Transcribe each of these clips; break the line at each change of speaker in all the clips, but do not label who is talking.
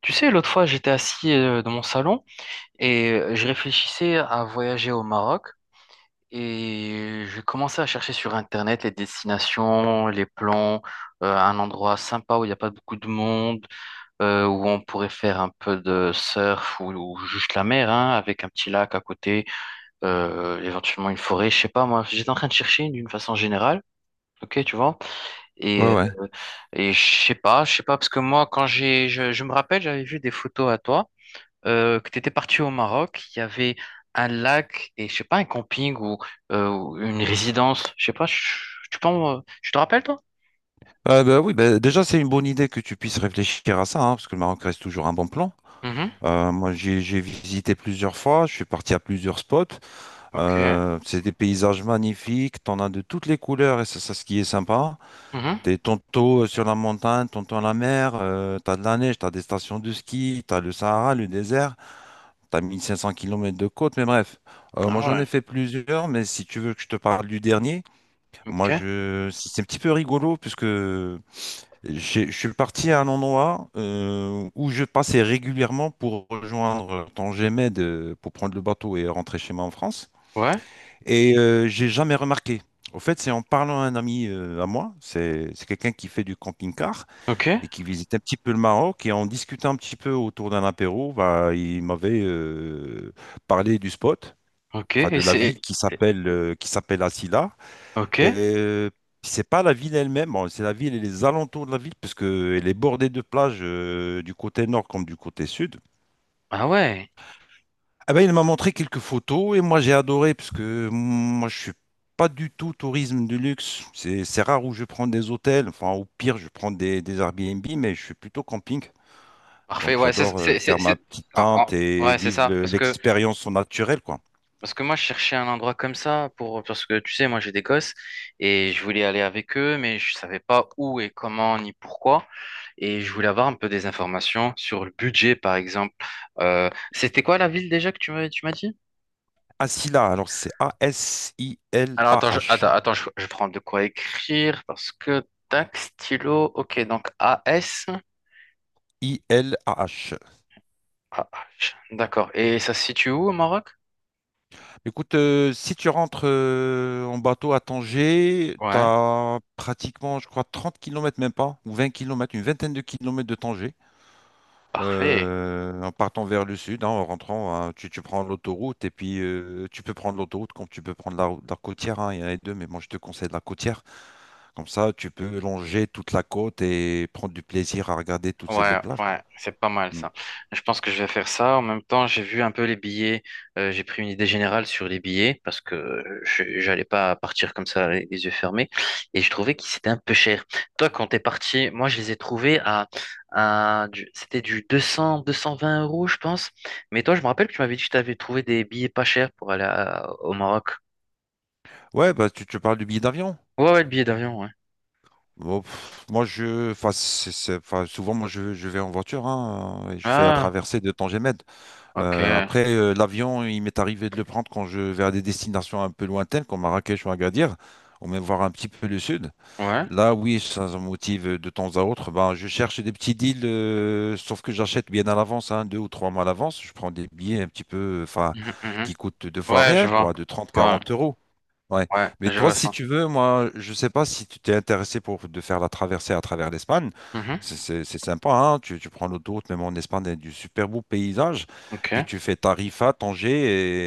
Tu sais, l'autre fois, j'étais assis dans mon salon et je réfléchissais à voyager au Maroc et je commençais à chercher sur Internet les destinations, les plans, un endroit sympa où il n'y a pas beaucoup de monde, où on pourrait faire un peu de surf ou juste la mer, hein, avec un petit lac à côté, éventuellement une forêt, je sais pas moi. J'étais en train de chercher d'une façon générale. Ok, tu vois. Et,
Ouais,
euh,
ouais.
et je sais pas, parce que moi, quand je me rappelle, j'avais vu des photos à toi que tu étais parti au Maroc, il y avait un lac et je sais pas, un camping ou une résidence. Je sais pas, tu penses, tu te rappelles toi?
Bah, oui, bah, déjà, c'est une bonne idée que tu puisses réfléchir à ça, hein, parce que le Maroc reste toujours un bon plan.
Mhm.
Moi, j'ai visité plusieurs fois, je suis parti à plusieurs spots.
Ok.
C'est des paysages magnifiques, t'en as de toutes les couleurs, et c'est ça ce qui est sympa.
Mhm.
T'es tantôt sur la montagne, tantôt à la mer, t'as de la neige, t'as des stations de ski, t'as le Sahara, le désert, t'as 1 500 kilomètres de côte, mais bref.
Ah
Moi, j'en ai
ouais.
fait plusieurs, mais si tu veux que je te parle du dernier,
Ok.
c'est un petit peu rigolo, puisque. Je suis parti à un endroit où je passais régulièrement pour rejoindre Tangemède pour prendre le bateau et rentrer chez moi en France.
Ouais.
Et j'ai jamais remarqué. Au fait, c'est en parlant à un ami à moi, c'est quelqu'un qui fait du camping-car
Ok.
et qui visite un petit peu le Maroc. Et en discutant un petit peu autour d'un apéro, bah, il m'avait parlé du spot,
Ok.
enfin de
Et
la ville
c'est.
qui s'appelle Assila.
Ok.
Et c'est pas la ville elle-même, bon, c'est la ville et les alentours de la ville, parce que elle est bordée de plages du côté nord comme du côté sud.
Ah ouais.
Ah ben, il m'a montré quelques photos et moi j'ai adoré, parce que moi je suis pas du tout tourisme de luxe. C'est rare où je prends des hôtels, enfin au pire je prends des Airbnb, mais je suis plutôt camping.
Parfait.
Donc
Ouais,
j'adore faire ma petite
ah, ah,
tente et
ouais, c'est
vivre
ça. Parce que
l'expérience au naturel, quoi.
Moi, je cherchais un endroit comme ça pour, parce que tu sais, moi, j'ai des gosses et je voulais aller avec eux, mais je savais pas où et comment ni pourquoi. Et je voulais avoir un peu des informations sur le budget, par exemple. C'était quoi la ville déjà que tu m'as dit?
Asila, alors c'est
Alors, attends, je,
A-S-I-L-A-H.
attends, attends, je, je prends de quoi écrire parce que tac, stylo, ok, donc AS.
I-L-A-H.
Ah, d'accord. Et ça se situe où au Maroc?
Écoute, si tu rentres en bateau à Tanger, tu
Ouais,
as pratiquement, je crois, 30 kilomètres même pas, ou 20 kilomètres, une vingtaine de kilomètres de Tanger,
parfait.
en partant vers le sud, hein, en rentrant, hein, tu prends l'autoroute, et puis tu peux prendre l'autoroute comme tu peux prendre la, la côtière, hein, il y en a les deux, mais moi je te conseille la côtière, comme ça tu peux longer toute la côte et prendre du plaisir à regarder toutes ces belles
Ouais,
plages, quoi.
ouais, c'est pas mal
Mm.
ça. Je pense que je vais faire ça. En même temps, j'ai vu un peu les billets. J'ai pris une idée générale sur les billets parce que j'allais pas partir comme ça les yeux fermés. Et je trouvais qu'ils étaient un peu chers. Toi, quand t'es parti, moi, je les ai trouvés c'était du 200, deux cent vingt euros, je pense. Mais toi, je me rappelle que tu m'avais dit que tu avais trouvé des billets pas chers pour aller au Maroc.
Ouais, bah, tu parles du billet d'avion.
Ouais, ouais, le billet d'avion, ouais. Ouais.
Bon, moi, je, enfin, c'est- enfin, souvent, moi, je vais en voiture, hein, et je fais la
Ah,
traversée de Tangemède.
ok.
Après, l'avion, il m'est arrivé de le prendre quand je vais à des destinations un peu lointaines, comme Marrakech ou Agadir, ou même voir un petit peu le sud.
Ouais.
Là, oui, ça me motive de temps à autre. Ben, je cherche des petits deals, sauf que j'achète bien à l'avance, hein, 2 ou 3 mois à l'avance. Je prends des billets un petit peu, enfin,
Mhm, mhm.
qui coûtent deux fois
Ouais, je
rien,
vois.
quoi, de trente,
Ouais,
quarante euros. Ouais.
ouais,
Mais
je
toi,
vois
si
ça.
tu veux, moi, je sais pas si tu t'es intéressé pour de faire la traversée à travers l'Espagne.
Mmh.
C'est sympa, hein. Tu prends l'autoroute, même en Espagne, il y a du super beau paysage. Puis
Ok,
tu fais Tarifa, Tanger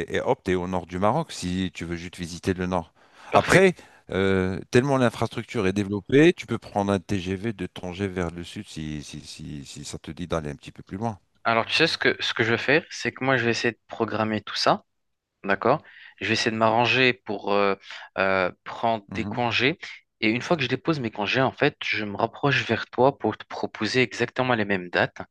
et hop, t'es au nord du Maroc si tu veux juste visiter le nord.
parfait.
Après, tellement l'infrastructure est développée, tu peux prendre un TGV de Tanger vers le sud si ça te dit d'aller un petit peu plus loin.
Alors, tu sais ce que je vais faire, c'est que moi, je vais essayer de programmer tout ça, d'accord? Je vais essayer de m'arranger pour prendre des congés. Et une fois que je dépose mes congés, en fait, je me rapproche vers toi pour te proposer exactement les mêmes dates.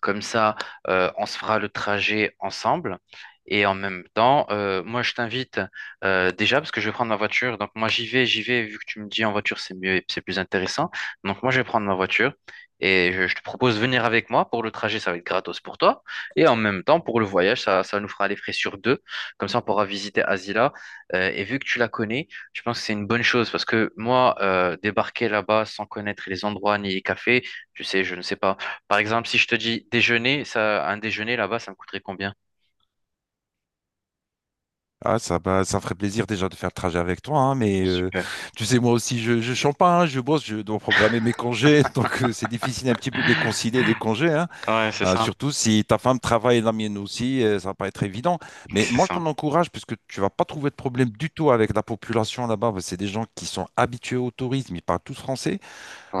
Comme ça, on se fera le trajet ensemble. Et en même temps, moi, je t'invite déjà parce que je vais prendre ma voiture. Donc, moi, j'y vais, j'y vais. Vu que tu me dis en voiture, c'est mieux, et c'est plus intéressant. Donc, moi, je vais prendre ma voiture et je te propose de venir avec moi. Pour le trajet, ça va être gratos pour toi. Et en même temps, pour le voyage, ça nous fera les frais sur deux. Comme ça, on pourra visiter Asila. Et vu que tu la connais, je pense que c'est une bonne chose parce que moi, débarquer là-bas sans connaître les endroits ni les cafés, tu sais, je ne sais pas par exemple, si je te dis déjeuner, ça, un déjeuner là-bas, ça me coûterait combien?
Ah, ça, bah, ça me ferait plaisir déjà de faire le trajet avec toi, hein, mais
Super.
tu sais, moi aussi, je chante pas, hein, je bosse, je dois programmer mes congés, donc c'est difficile un petit peu de concilier des congés, hein,
Ouais, c'est ça.
surtout si ta femme travaille et la mienne aussi, ça va pas être évident. Mais
C'est
moi, je
ça.
t'en encourage, puisque tu vas pas trouver de problème du tout avec la population là-bas, parce que c'est des gens qui sont habitués au tourisme, ils parlent tous français,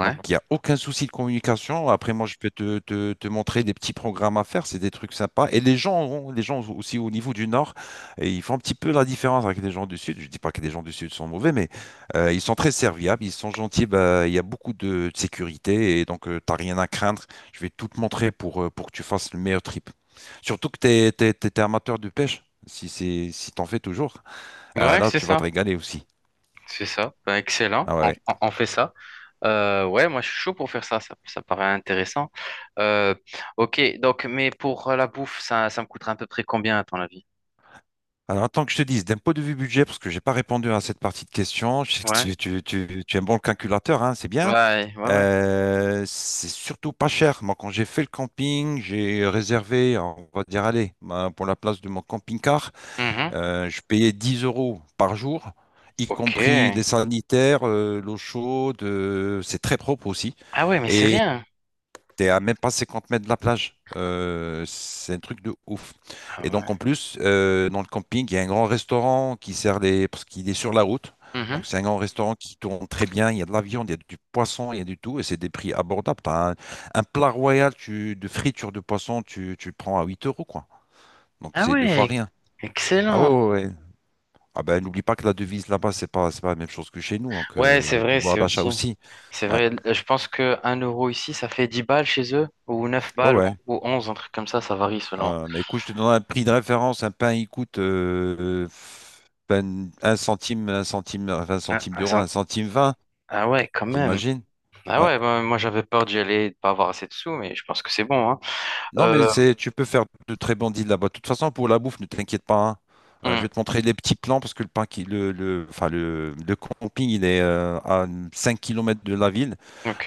donc, il n'y a aucun souci de communication. Après, moi, je peux te montrer des petits programmes à faire. C'est des trucs sympas. Et les gens, les gens aussi au niveau du Nord, et ils font un petit peu la différence avec les gens du Sud. Je dis pas que les gens du Sud sont mauvais, mais ils sont très serviables, ils sont gentils. Bah, il y a beaucoup de sécurité et donc, tu n'as rien à craindre. Je vais tout te montrer pour que tu fasses le meilleur trip. Surtout que tu t'es amateur de pêche. Si t'en fais toujours,
Ouais,
là,
c'est
tu vas
ça.
te régaler aussi.
C'est ça. Ben, excellent.
Ah ouais.
On,
Ouais.
on- on fait ça. Ouais, moi, je suis chaud pour faire ça. Ça paraît intéressant. Euh, ok, donc, mais pour la bouffe, ça me coûterait à peu près combien, à ton avis?
Alors, attends que je te dise, d'un point de vue budget, parce que j'ai pas répondu à cette partie de question, je sais que
Ouais.
tu es un bon calculateur, hein, c'est bien.
Ouais, ouais, ouais.
C'est surtout pas cher. Moi, quand j'ai fait le camping, j'ai réservé, on va dire, allez, pour la place de mon camping-car,
Mhm.
je payais 10 euros par jour, y
Ok.
compris les sanitaires, l'eau chaude, c'est très propre aussi.
Ah ouais, mais c'est
Et
rien.
T'es à même pas 50 mètres de la plage. C'est un truc de ouf.
Ah
Et donc
ouais.
en plus, dans le camping, il y a un grand restaurant qui sert les— parce qu'il est sur la route.
Mhm.
Donc c'est un grand restaurant qui tourne très bien. Il y a de la viande, il y a du poisson, il y a du tout. Et c'est des prix abordables. T'as un plat royal tu, de friture de poisson, tu le prends à 8 euros, quoi. Donc
Ah
c'est deux fois
ouais,
rien. Ah ouais,
excellent.
ouais, ouais. Ah ben n'oublie pas que la devise là-bas, c'est pas la même chose que chez nous. Donc
Ouais, c'est
le
vrai,
pouvoir
c'est
d'achat
aussi.
aussi.
C'est
Ouais,
vrai, je pense que 1 € ici, ça fait 10 balles chez eux, ou neuf
ouais,
balles, ou
ouais.
ou 11, un truc comme ça varie selon.
Mais écoute, je te donne un prix de référence. Un pain, il coûte ben, un centime, enfin, un
Ah,
centime
ah,
d'euro, un
ça-
centime vingt,
ah ouais, quand même.
t'imagines?
Ah
Ouais.
ouais, bah, moi j'avais peur d'y aller, de pas avoir assez de sous, mais je pense que c'est bon, hein.
Non, mais
Euh,
c'est, tu peux faire de très bons deals là-bas. De toute façon, pour la bouffe, ne t'inquiète pas, hein. Je
hmm,
vais te montrer les petits plans parce que le, pain qui, le, enfin, le camping, il est à 5 kilomètres de la ville.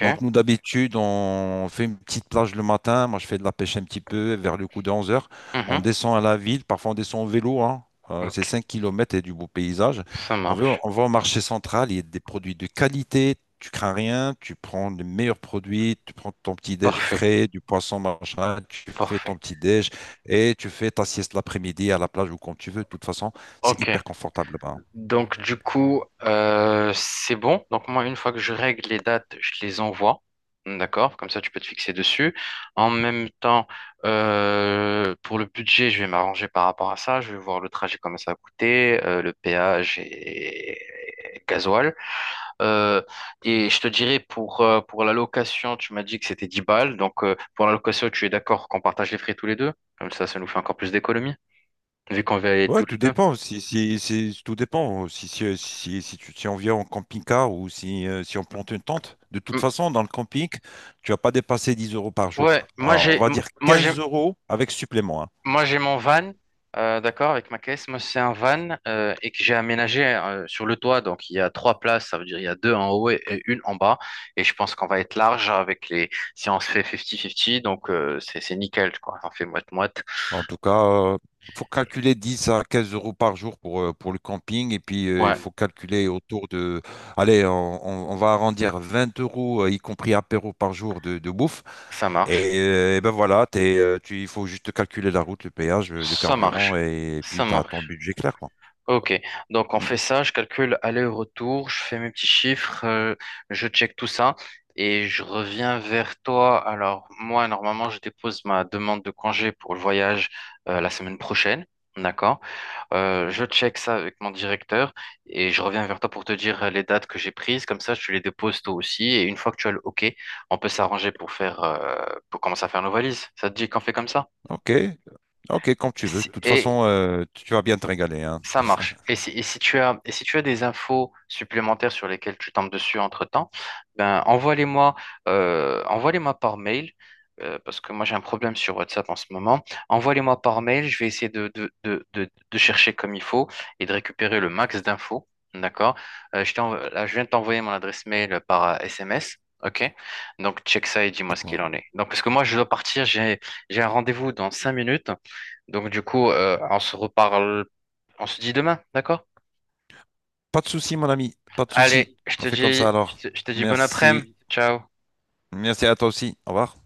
Donc, nous, d'habitude, on fait une petite plage le matin. Moi, je fais de la pêche un petit peu vers le coup de 11 heures. On
mhm,
descend à la ville. Parfois, on descend en vélo, hein. C'est
ok,
5 kilomètres et du beau paysage.
ça marche.
On va au marché central, il y a des produits de qualité, tu crains rien, tu prends les meilleurs produits, tu prends ton petit déj
Parfait,
frais, du poisson machin, tu fais
parfait.
ton petit déj et tu fais ta sieste l'après-midi à la plage ou quand tu veux. De toute façon, c'est
Ok,
hyper confortable là-bas.
donc, du coup, c'est bon. Donc, moi, une fois que je règle les dates, je les envoie. D'accord? Comme ça, tu peux te fixer dessus. En même temps, pour le budget, je vais m'arranger par rapport à ça. Je vais voir le trajet, comment ça va coûter, le péage et gasoil. Euh, et je te dirais, pour la location, tu m'as dit que c'était 10 balles. Donc, pour la location, tu es d'accord qu'on partage les frais tous les deux? Comme ça nous fait encore plus d'économies, vu qu'on va aller
Ouais,
tous les
tout
deux.
dépend. Tout dépend. Si on vient en camping-car ou si on plante une tente. De toute
M-
façon, dans le camping, tu vas pas dépasser 10 euros par jour.
Ouais, moi
Alors, on
j'ai
va
m-
dire
moi j'ai
15 euros avec supplément.
Moi, j'ai mon van, d'accord, avec ma caisse. Moi, c'est un van et que j'ai aménagé sur le toit. Donc, il y a trois places, ça veut dire il y a deux en haut et une en bas. Et je pense qu'on va être large avec les. Si on se fait 50-50, donc c'est nickel, quoi. On fait moite-moite.
En tout cas, il faut calculer 10 à 15 euros par jour pour le camping. Et puis, il
Ouais,
faut calculer autour de... Allez, on va arrondir 20 euros, y compris apéro par jour de, bouffe.
ça marche.
Et ben voilà, il faut juste calculer la route, le péage, le
Ça
carburant,
marche. Ça
puis tu as ton
marche.
budget clair, quoi.
Ok, donc on
Hmm.
fait ça, je calcule aller-retour, je fais mes petits chiffres, je check tout ça et je reviens vers toi. Alors moi, normalement, je dépose ma demande de congé pour le voyage la semaine prochaine, d'accord? Je check ça avec mon directeur et je reviens vers toi pour te dire les dates que j'ai prises, comme ça tu les déposes toi aussi et une fois que tu as le OK, on peut s'arranger pour pour commencer à faire nos valises. Ça te dit qu'on fait comme ça?
Ok, ok, comme tu veux. De toute
Et
façon, tu vas bien te régaler, hein.
ça marche. Et si tu as, et si tu as des infos supplémentaires sur lesquelles tu tombes dessus entre-temps, ben envoie-les-moi par mail, parce que moi j'ai un problème sur WhatsApp en ce moment. Envoie-les-moi par mail, je vais essayer de chercher comme il faut et de récupérer le max d'infos. D'accord? Là, je viens de t'envoyer mon adresse mail par SMS. OK? Donc check ça et dis-moi ce qu'il
D'accord.
en est. Donc parce que moi je dois partir, j'ai un rendez-vous dans 5 minutes. Donc du coup, on se reparle on se dit demain, d'accord?
Pas de souci, mon ami, pas de souci.
Allez, je
On
te
fait comme
dis,
ça alors.
je te, je te dis bon
Merci,
après-midi. Ciao.
merci à toi aussi. Au revoir.